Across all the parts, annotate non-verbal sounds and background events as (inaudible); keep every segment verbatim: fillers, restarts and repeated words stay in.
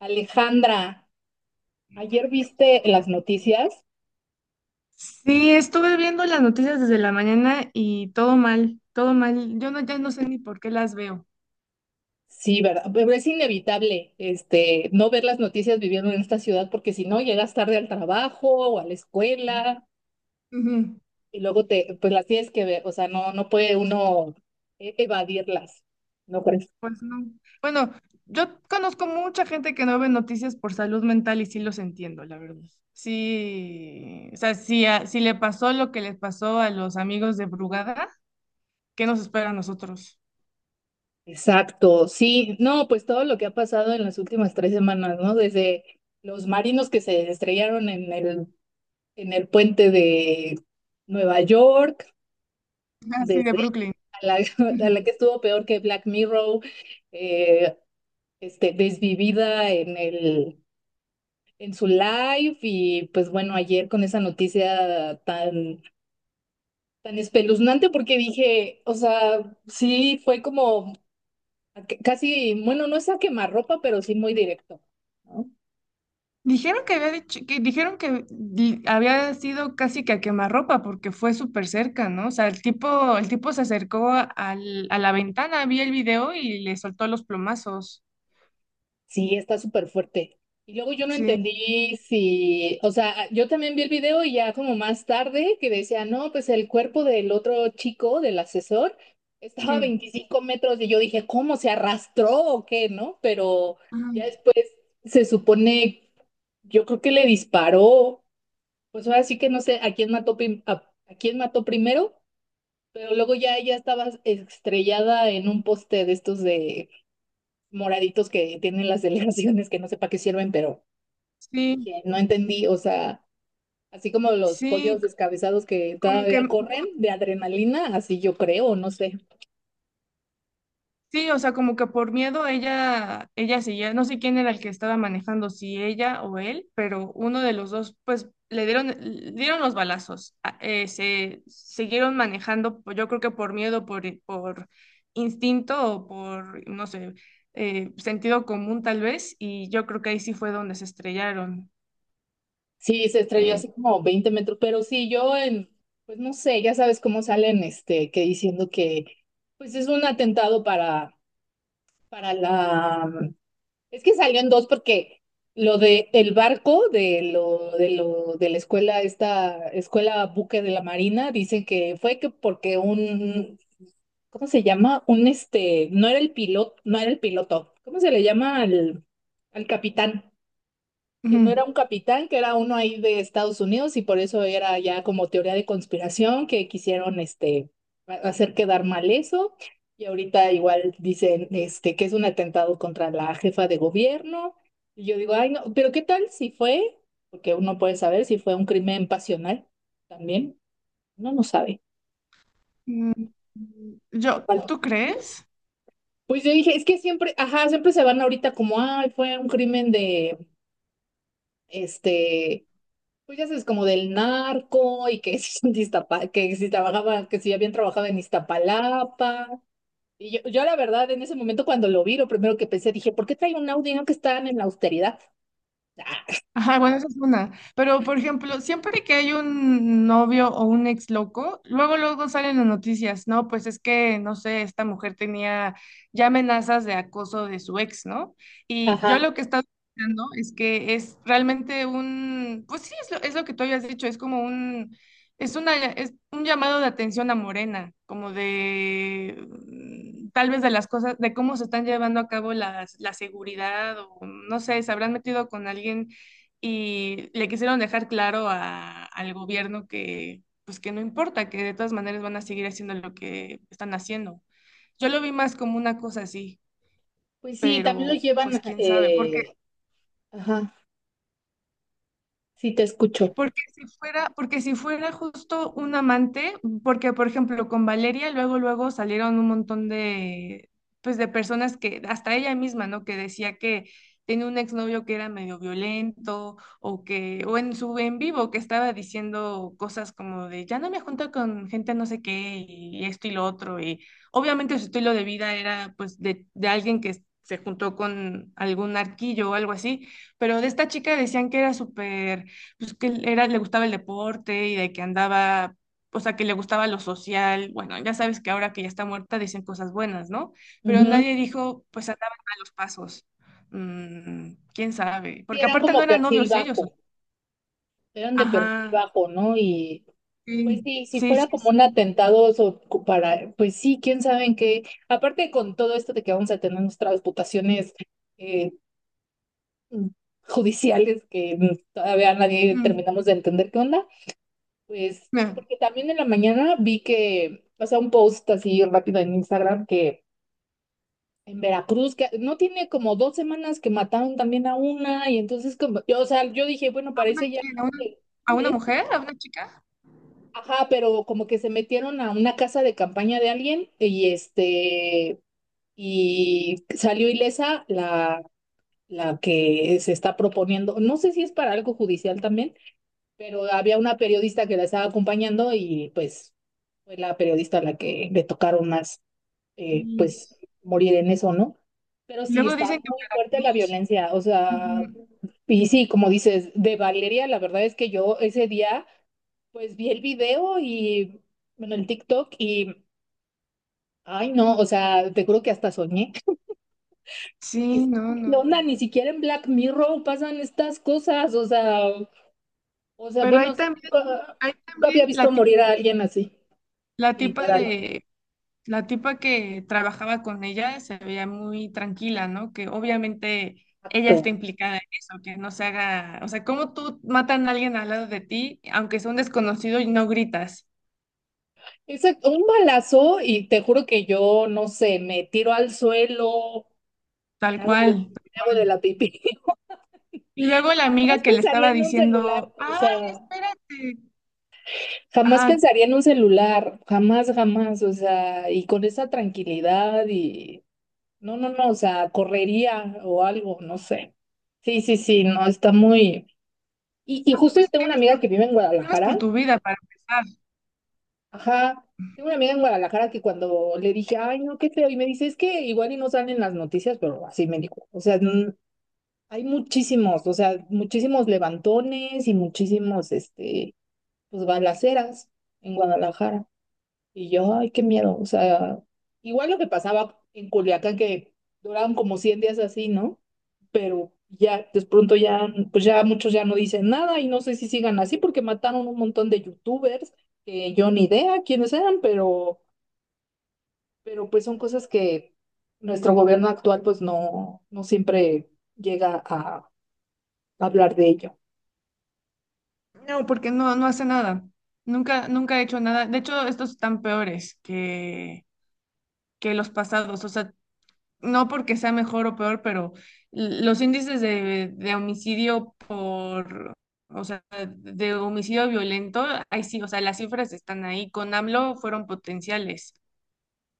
Alejandra, ayer viste las noticias. Sí, estuve viendo las noticias desde la mañana y todo mal, todo mal. Yo no, ya no sé ni por qué las veo. Sí, ¿verdad? Pero es inevitable, este, no ver las noticias viviendo en esta ciudad porque si no llegas tarde al trabajo o a la escuela Ujú. y luego te, pues las tienes que ver, o sea, no, no puede uno e- evadirlas, ¿no crees? Pues no. Bueno, yo conozco mucha gente que no ve noticias por salud mental y sí los entiendo, la verdad. Sí, o sea, si, a- si le pasó lo que les pasó a los amigos de Brugada, ¿qué nos espera a nosotros? Exacto, sí, no, pues todo lo que ha pasado en las últimas tres semanas, ¿no? Desde los marinos que se estrellaron en el, en el puente de Nueva York, Así de desde Brooklyn. a la, (laughs) a la (laughs) que estuvo peor que Black Mirror, eh, este, desvivida en el, en su live. Y pues bueno, ayer con esa noticia tan, tan espeluznante porque dije, o sea, sí fue como a que- casi, bueno, no es a quemarropa, pero sí muy directo, ¿no? Dijeron que había dicho, que dijeron que di- Había sido casi que a quemarropa porque fue súper cerca, ¿no? O sea, el tipo, el tipo se acercó a, al- a la ventana, vi el video y le soltó los plomazos. Sí, está súper fuerte. Y luego yo no Sí. entendí si, o sea, yo también vi el video y ya como más tarde que decía, no, pues el cuerpo del otro chico, del asesor, estaba a Mm. 25 metros y yo dije, ¿cómo se arrastró o qué, no? Pero ya Ay, después se supone, yo creo que le disparó, pues ahora sí que no sé a quién mató, prim- a, a quién mató primero, pero luego ya ella estaba estrellada en un poste de estos de moraditos que tienen las (laughs) delegaciones que no sé para qué sirven, pero Sí, dije, no entendí, o sea, así como los pollos sí, descabezados que como que todavía yo, corren de adrenalina, así yo creo, no sé. sí, o sea, como que por miedo ella, ella seguía, no sé quién era el que estaba manejando, si ella o él, pero uno de los dos, pues le dieron, le dieron los balazos, a- eh, se siguieron manejando, pues, yo creo que por miedo, por, por instinto o por, no sé, eh, sentido común tal vez, y yo creo que ahí sí fue donde se estrellaron. Sí, se estrelló eh. así como veinte metros, pero sí, yo en, pues no sé, ya sabes cómo salen, este, que diciendo que, pues es un atentado para, para la. Es que salió en dos porque lo de el barco de lo de lo de la escuela, esta escuela buque de la Marina, dicen que fue que porque un, ¿cómo se llama? Un este, no era el piloto, no era el piloto. ¿Cómo se le llama al, al capitán? Que no Ujú. era un capitán, que era uno ahí de Estados Unidos y por eso era ya como teoría de conspiración que quisieron este hacer quedar mal eso. Y ahorita igual dicen este que es un atentado contra la jefa de gobierno. Y yo digo, ay no, pero ¿qué tal si fue? Porque uno puede saber si fue un crimen pasional también. Uno no sabe. Mm, Yo, Ojalá. ¿tú crees? Pues yo dije, es que siempre, ajá, siempre se van ahorita como, ay, fue un crimen de este. Pues ya sabes, como del narco y que (laughs) si, son de Iztapa- que si trabajaba, que si habían trabajado en Iztapalapa. Y yo, yo la verdad, en ese momento cuando lo vi, lo primero que pensé, dije, ¿por qué trae un Audi no que están en la austeridad? Ah, Ajá, bueno, esa es una. Pero, por ejemplo, siempre que hay un novio o un ex loco, luego, luego salen las noticias, ¿no? Pues es que, no sé, esta mujer tenía ya amenazas de acoso de su ex, ¿no? Y yo ajá. lo que he estado pensando es que es realmente un, pues sí, es lo, es lo que tú habías dicho, es como un, es una, es un llamado de atención a Morena, como de, mm, tal vez de las cosas, de cómo se están llevando a cabo las, la seguridad, o no sé, se habrán metido con alguien y le quisieron dejar claro a- al gobierno que, pues que no importa, que de todas maneras van a seguir haciendo lo que están haciendo. Yo lo vi más como una cosa así, Pues sí, también los pero pues llevan, quién sabe, porque… eh, ajá, sí te escucho. Porque si fuera, porque si fuera justo un amante, porque por ejemplo con Valeria luego luego salieron un montón de pues de personas que hasta ella misma, ¿no? Que decía que tenía un exnovio que era medio violento o que o en su en vivo, que estaba diciendo cosas como de ya no me junto con gente no sé qué y esto y lo otro, y obviamente su estilo de vida era pues de, de alguien que se juntó con algún arquillo o algo así, pero de esta chica decían que era súper, pues que él era, le gustaba el deporte y de que andaba, o sea, que le gustaba lo social. Bueno, ya sabes que ahora que ya está muerta dicen cosas buenas, ¿no? Pero Ujú. nadie dijo, pues andaban a los pasos. Mm, quién sabe, Sí, porque eran aparte no como eran perfil novios ellos. o- bajo, eran de perfil Ajá, bajo, ¿no? Y pues sí, sí, si sí, fuera sí, como un sí. atentado so- para, pues sí, quién sabe en qué. Aparte con todo esto de que vamos a tener nuestras reputaciones mm, judiciales que mm, todavía nadie Ujú. terminamos de entender qué onda, pues Mira, porque también en la mañana vi que, o sea, un post así rápido en Instagram que en Veracruz, que no tiene como dos semanas que mataron también a una, y entonces como, yo, o sea, yo dije, bueno, ¿a una, parece ya qui- a una, que a sí una es, mujer? ¿A una chica? ajá, pero como que se metieron a una casa de campaña de alguien y este, y salió ilesa la... la que se está proponiendo, no sé si es para algo judicial también, pero había una periodista que la estaba acompañando y pues fue la periodista a la que le tocaron más, eh, Y pues morir en eso, ¿no? Pero sí, Luego está dicen que en muy fuerte la Veracruz. violencia, o sea, Ujú, y sí, como dices, de Valeria, la verdad es que yo ese día, pues vi el video y, bueno, el TikTok y, ay no, o sea, te juro que hasta soñé, porque sí, sí, no, ¿qué no. onda? no. Ni siquiera en Black Mirror pasan estas cosas, o sea, o sea, Pero hay bueno, sí, también, nunca hay nunca también había visto la, tip- morir a alguien así. la tipa Literal. de la tipa que trabajaba con ella se veía muy tranquila, ¿no? Que obviamente ella Exacto. está implicada en eso, que no se haga, o sea, ¿cómo tú matan a alguien al lado de ti, aunque sea un desconocido y no gritas? Exacto, un balazo y te juro que yo, no sé, me tiro al suelo, Tal me hago de la, cual, tal me hago de cual. la pipí. (laughs) Y luego la Jamás amiga que le pensaría estaba en un celular, diciendo, o ah, sea, espérate, jamás ajá, no, pensaría en un celular, jamás, jamás, o sea, y con esa tranquilidad y, no, no, no, o sea, correría o algo, no sé. Sí, sí, sí, no, está muy... Y, y justo yo pues tengo una temes amiga por que tu, vive en temes por Guadalajara. tu vida para empezar. Ajá, tengo una amiga en Guadalajara que cuando le dije, ay, no, qué feo, y me dice, es que igual y no salen las noticias, pero así me dijo, o sea, n- hay muchísimos, o sea, muchísimos levantones y muchísimos, este, pues, balaceras en Guadalajara. Y yo, ay, qué miedo. O sea, igual lo que pasaba en Culiacán, que duraban como cien días así, ¿no? Pero ya, de pronto ya, pues ya muchos ya no dicen nada y no sé si sigan así porque mataron un montón de youtubers que yo ni idea quiénes eran, pero, pero pues son cosas que nuestro gobierno actual pues no, no siempre llega a hablar de ello. No, porque no, no hace nada. Nunca, nunca he hecho nada. De hecho, estos están peores que, que los pasados. O sea, no porque sea mejor o peor, pero los índices de, de homicidio por, o sea, de homicidio violento, ahí sí, o sea, las cifras están ahí. Con AMLO fueron potenciales.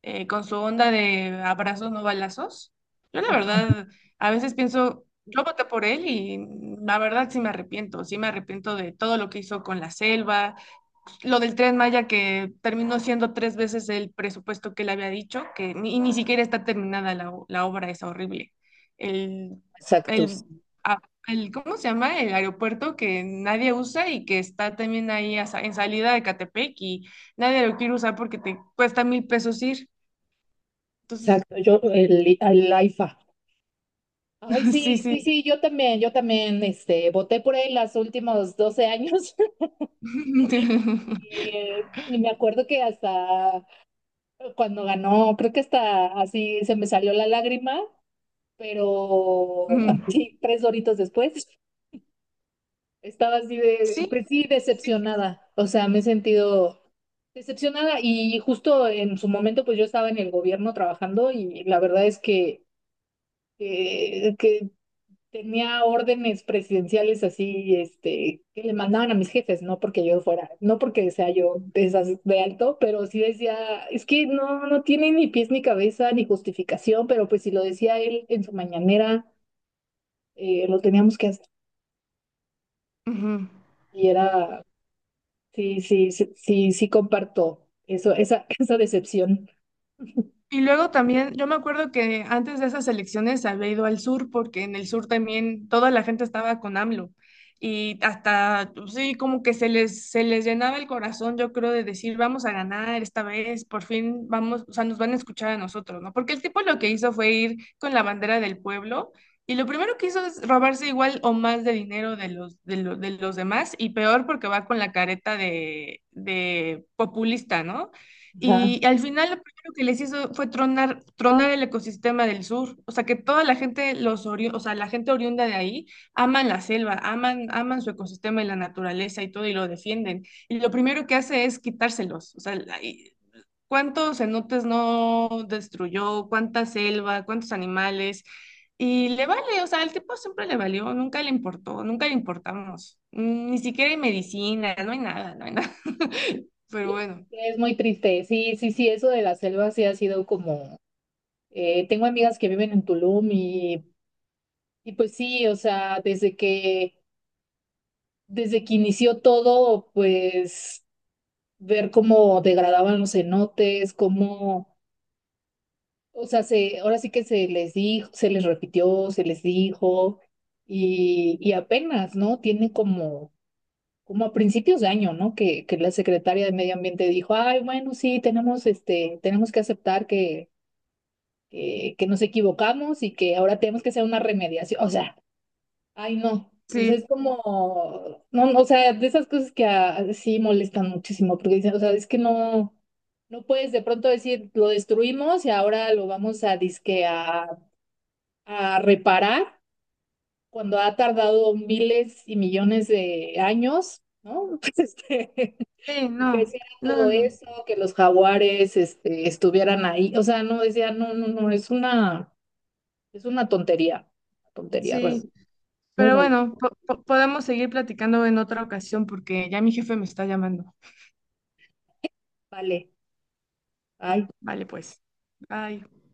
Eh, con su onda de abrazos no balazos, yo la Ajá, verdad, a veces pienso, yo voté por él y la verdad sí me arrepiento, sí me arrepiento de todo lo que hizo con la selva, lo del Tren Maya que terminó siendo tres veces el presupuesto que le había dicho, que ni, y ni siquiera está terminada la, o- la obra, es horrible. El, exacto, el, sí, a- el- ¿Cómo se llama? El aeropuerto que nadie usa y que está también ahí a sa- en salida de Catepec y nadie lo quiere usar porque te cuesta mil pesos ir. Entonces, exacto. Yo, el, el AIFA. Ay, (laughs) sí, sí, sí. sí, sí, yo también, yo también, este, voté por él los últimos doce años. (laughs) (laughs) Eh, y me acuerdo que hasta cuando ganó, creo que hasta así se me salió la lágrima, pero Mm, (laughs) sí, tres horitos después estaba así de, sí, pues sí, sí, sí. Sí. decepcionada. O sea, me he sentido decepcionada y justo en su momento, pues yo estaba en el gobierno trabajando y la verdad es que eh, que, tenía órdenes presidenciales así, este, que le mandaban a mis jefes, no porque yo fuera, no porque sea yo de esas de alto, pero sí decía, es que no, no tiene ni pies ni cabeza ni justificación, pero pues si lo decía él en su mañanera, eh, lo teníamos que hacer. Ujú. Y era, sí, sí, sí, sí, sí comparto eso, esa, (laughs) esa decepción. Y luego también, yo me acuerdo que antes de esas elecciones había ido al sur porque en el sur también toda la gente estaba con AMLO y hasta, pues sí, como que se les, se les llenaba el corazón, yo creo, de decir, vamos a ganar esta vez, por fin vamos, o sea, nos van a escuchar a nosotros, ¿no? Porque el tipo lo que hizo fue ir con la bandera del pueblo y lo primero que hizo es robarse igual o más de dinero de los, de lo- de los demás, y peor porque va con la careta de, de populista, ¿no? Ajá. Y al final lo que les hizo fue tronar, tronar el ecosistema del sur. O sea, que toda la gente, los ori- o sea, la gente oriunda de ahí, aman la selva, aman, aman su ecosistema y la naturaleza y todo, y lo defienden. Y lo primero que hace es quitárselos. O sea, la- y- ¿cuántos cenotes no destruyó? ¿Cuánta selva? ¿Cuántos animales? Y le vale, o sea, al tipo siempre le valió, nunca le importó, nunca le importamos. Ni siquiera hay medicina, no hay nada, no hay nada. (laughs) Pero bueno, Es muy triste, sí, sí, sí, eso de la selva sí ha sido como, eh, tengo amigas que viven en Tulum. y Y pues sí, o sea, desde que, desde que inició todo, pues ver cómo degradaban los cenotes, cómo, o sea, se, ahora sí que se les dijo, se les repitió, se les dijo, y, y apenas, ¿no? Tiene como, como a principios de año, ¿no? Que, que la secretaria de Medio Ambiente dijo, ay, bueno, sí, tenemos este, tenemos que aceptar que, que, que nos equivocamos y que ahora tenemos que hacer una remediación. O sea, ay, no. Pues sí, es como, no, no, o sea, de esas cosas que ah, sí molestan muchísimo, porque dicen, o sea, es que no, no puedes de pronto decir, lo destruimos y ahora lo vamos a disque a, a reparar cuando ha tardado miles y millones de años, ¿no? (laughs) Pues este, sí, que no, hiciera no, todo no, eso, que los jaguares, este, estuvieran ahí. O sea, no decía, no, no, no, es una, es una tontería, tontería, re- sí. muy Pero molesta. bueno, po- po- podemos seguir platicando en otra ocasión porque ya mi jefe me está llamando. Vale. Ay, Vale, pues. Bye.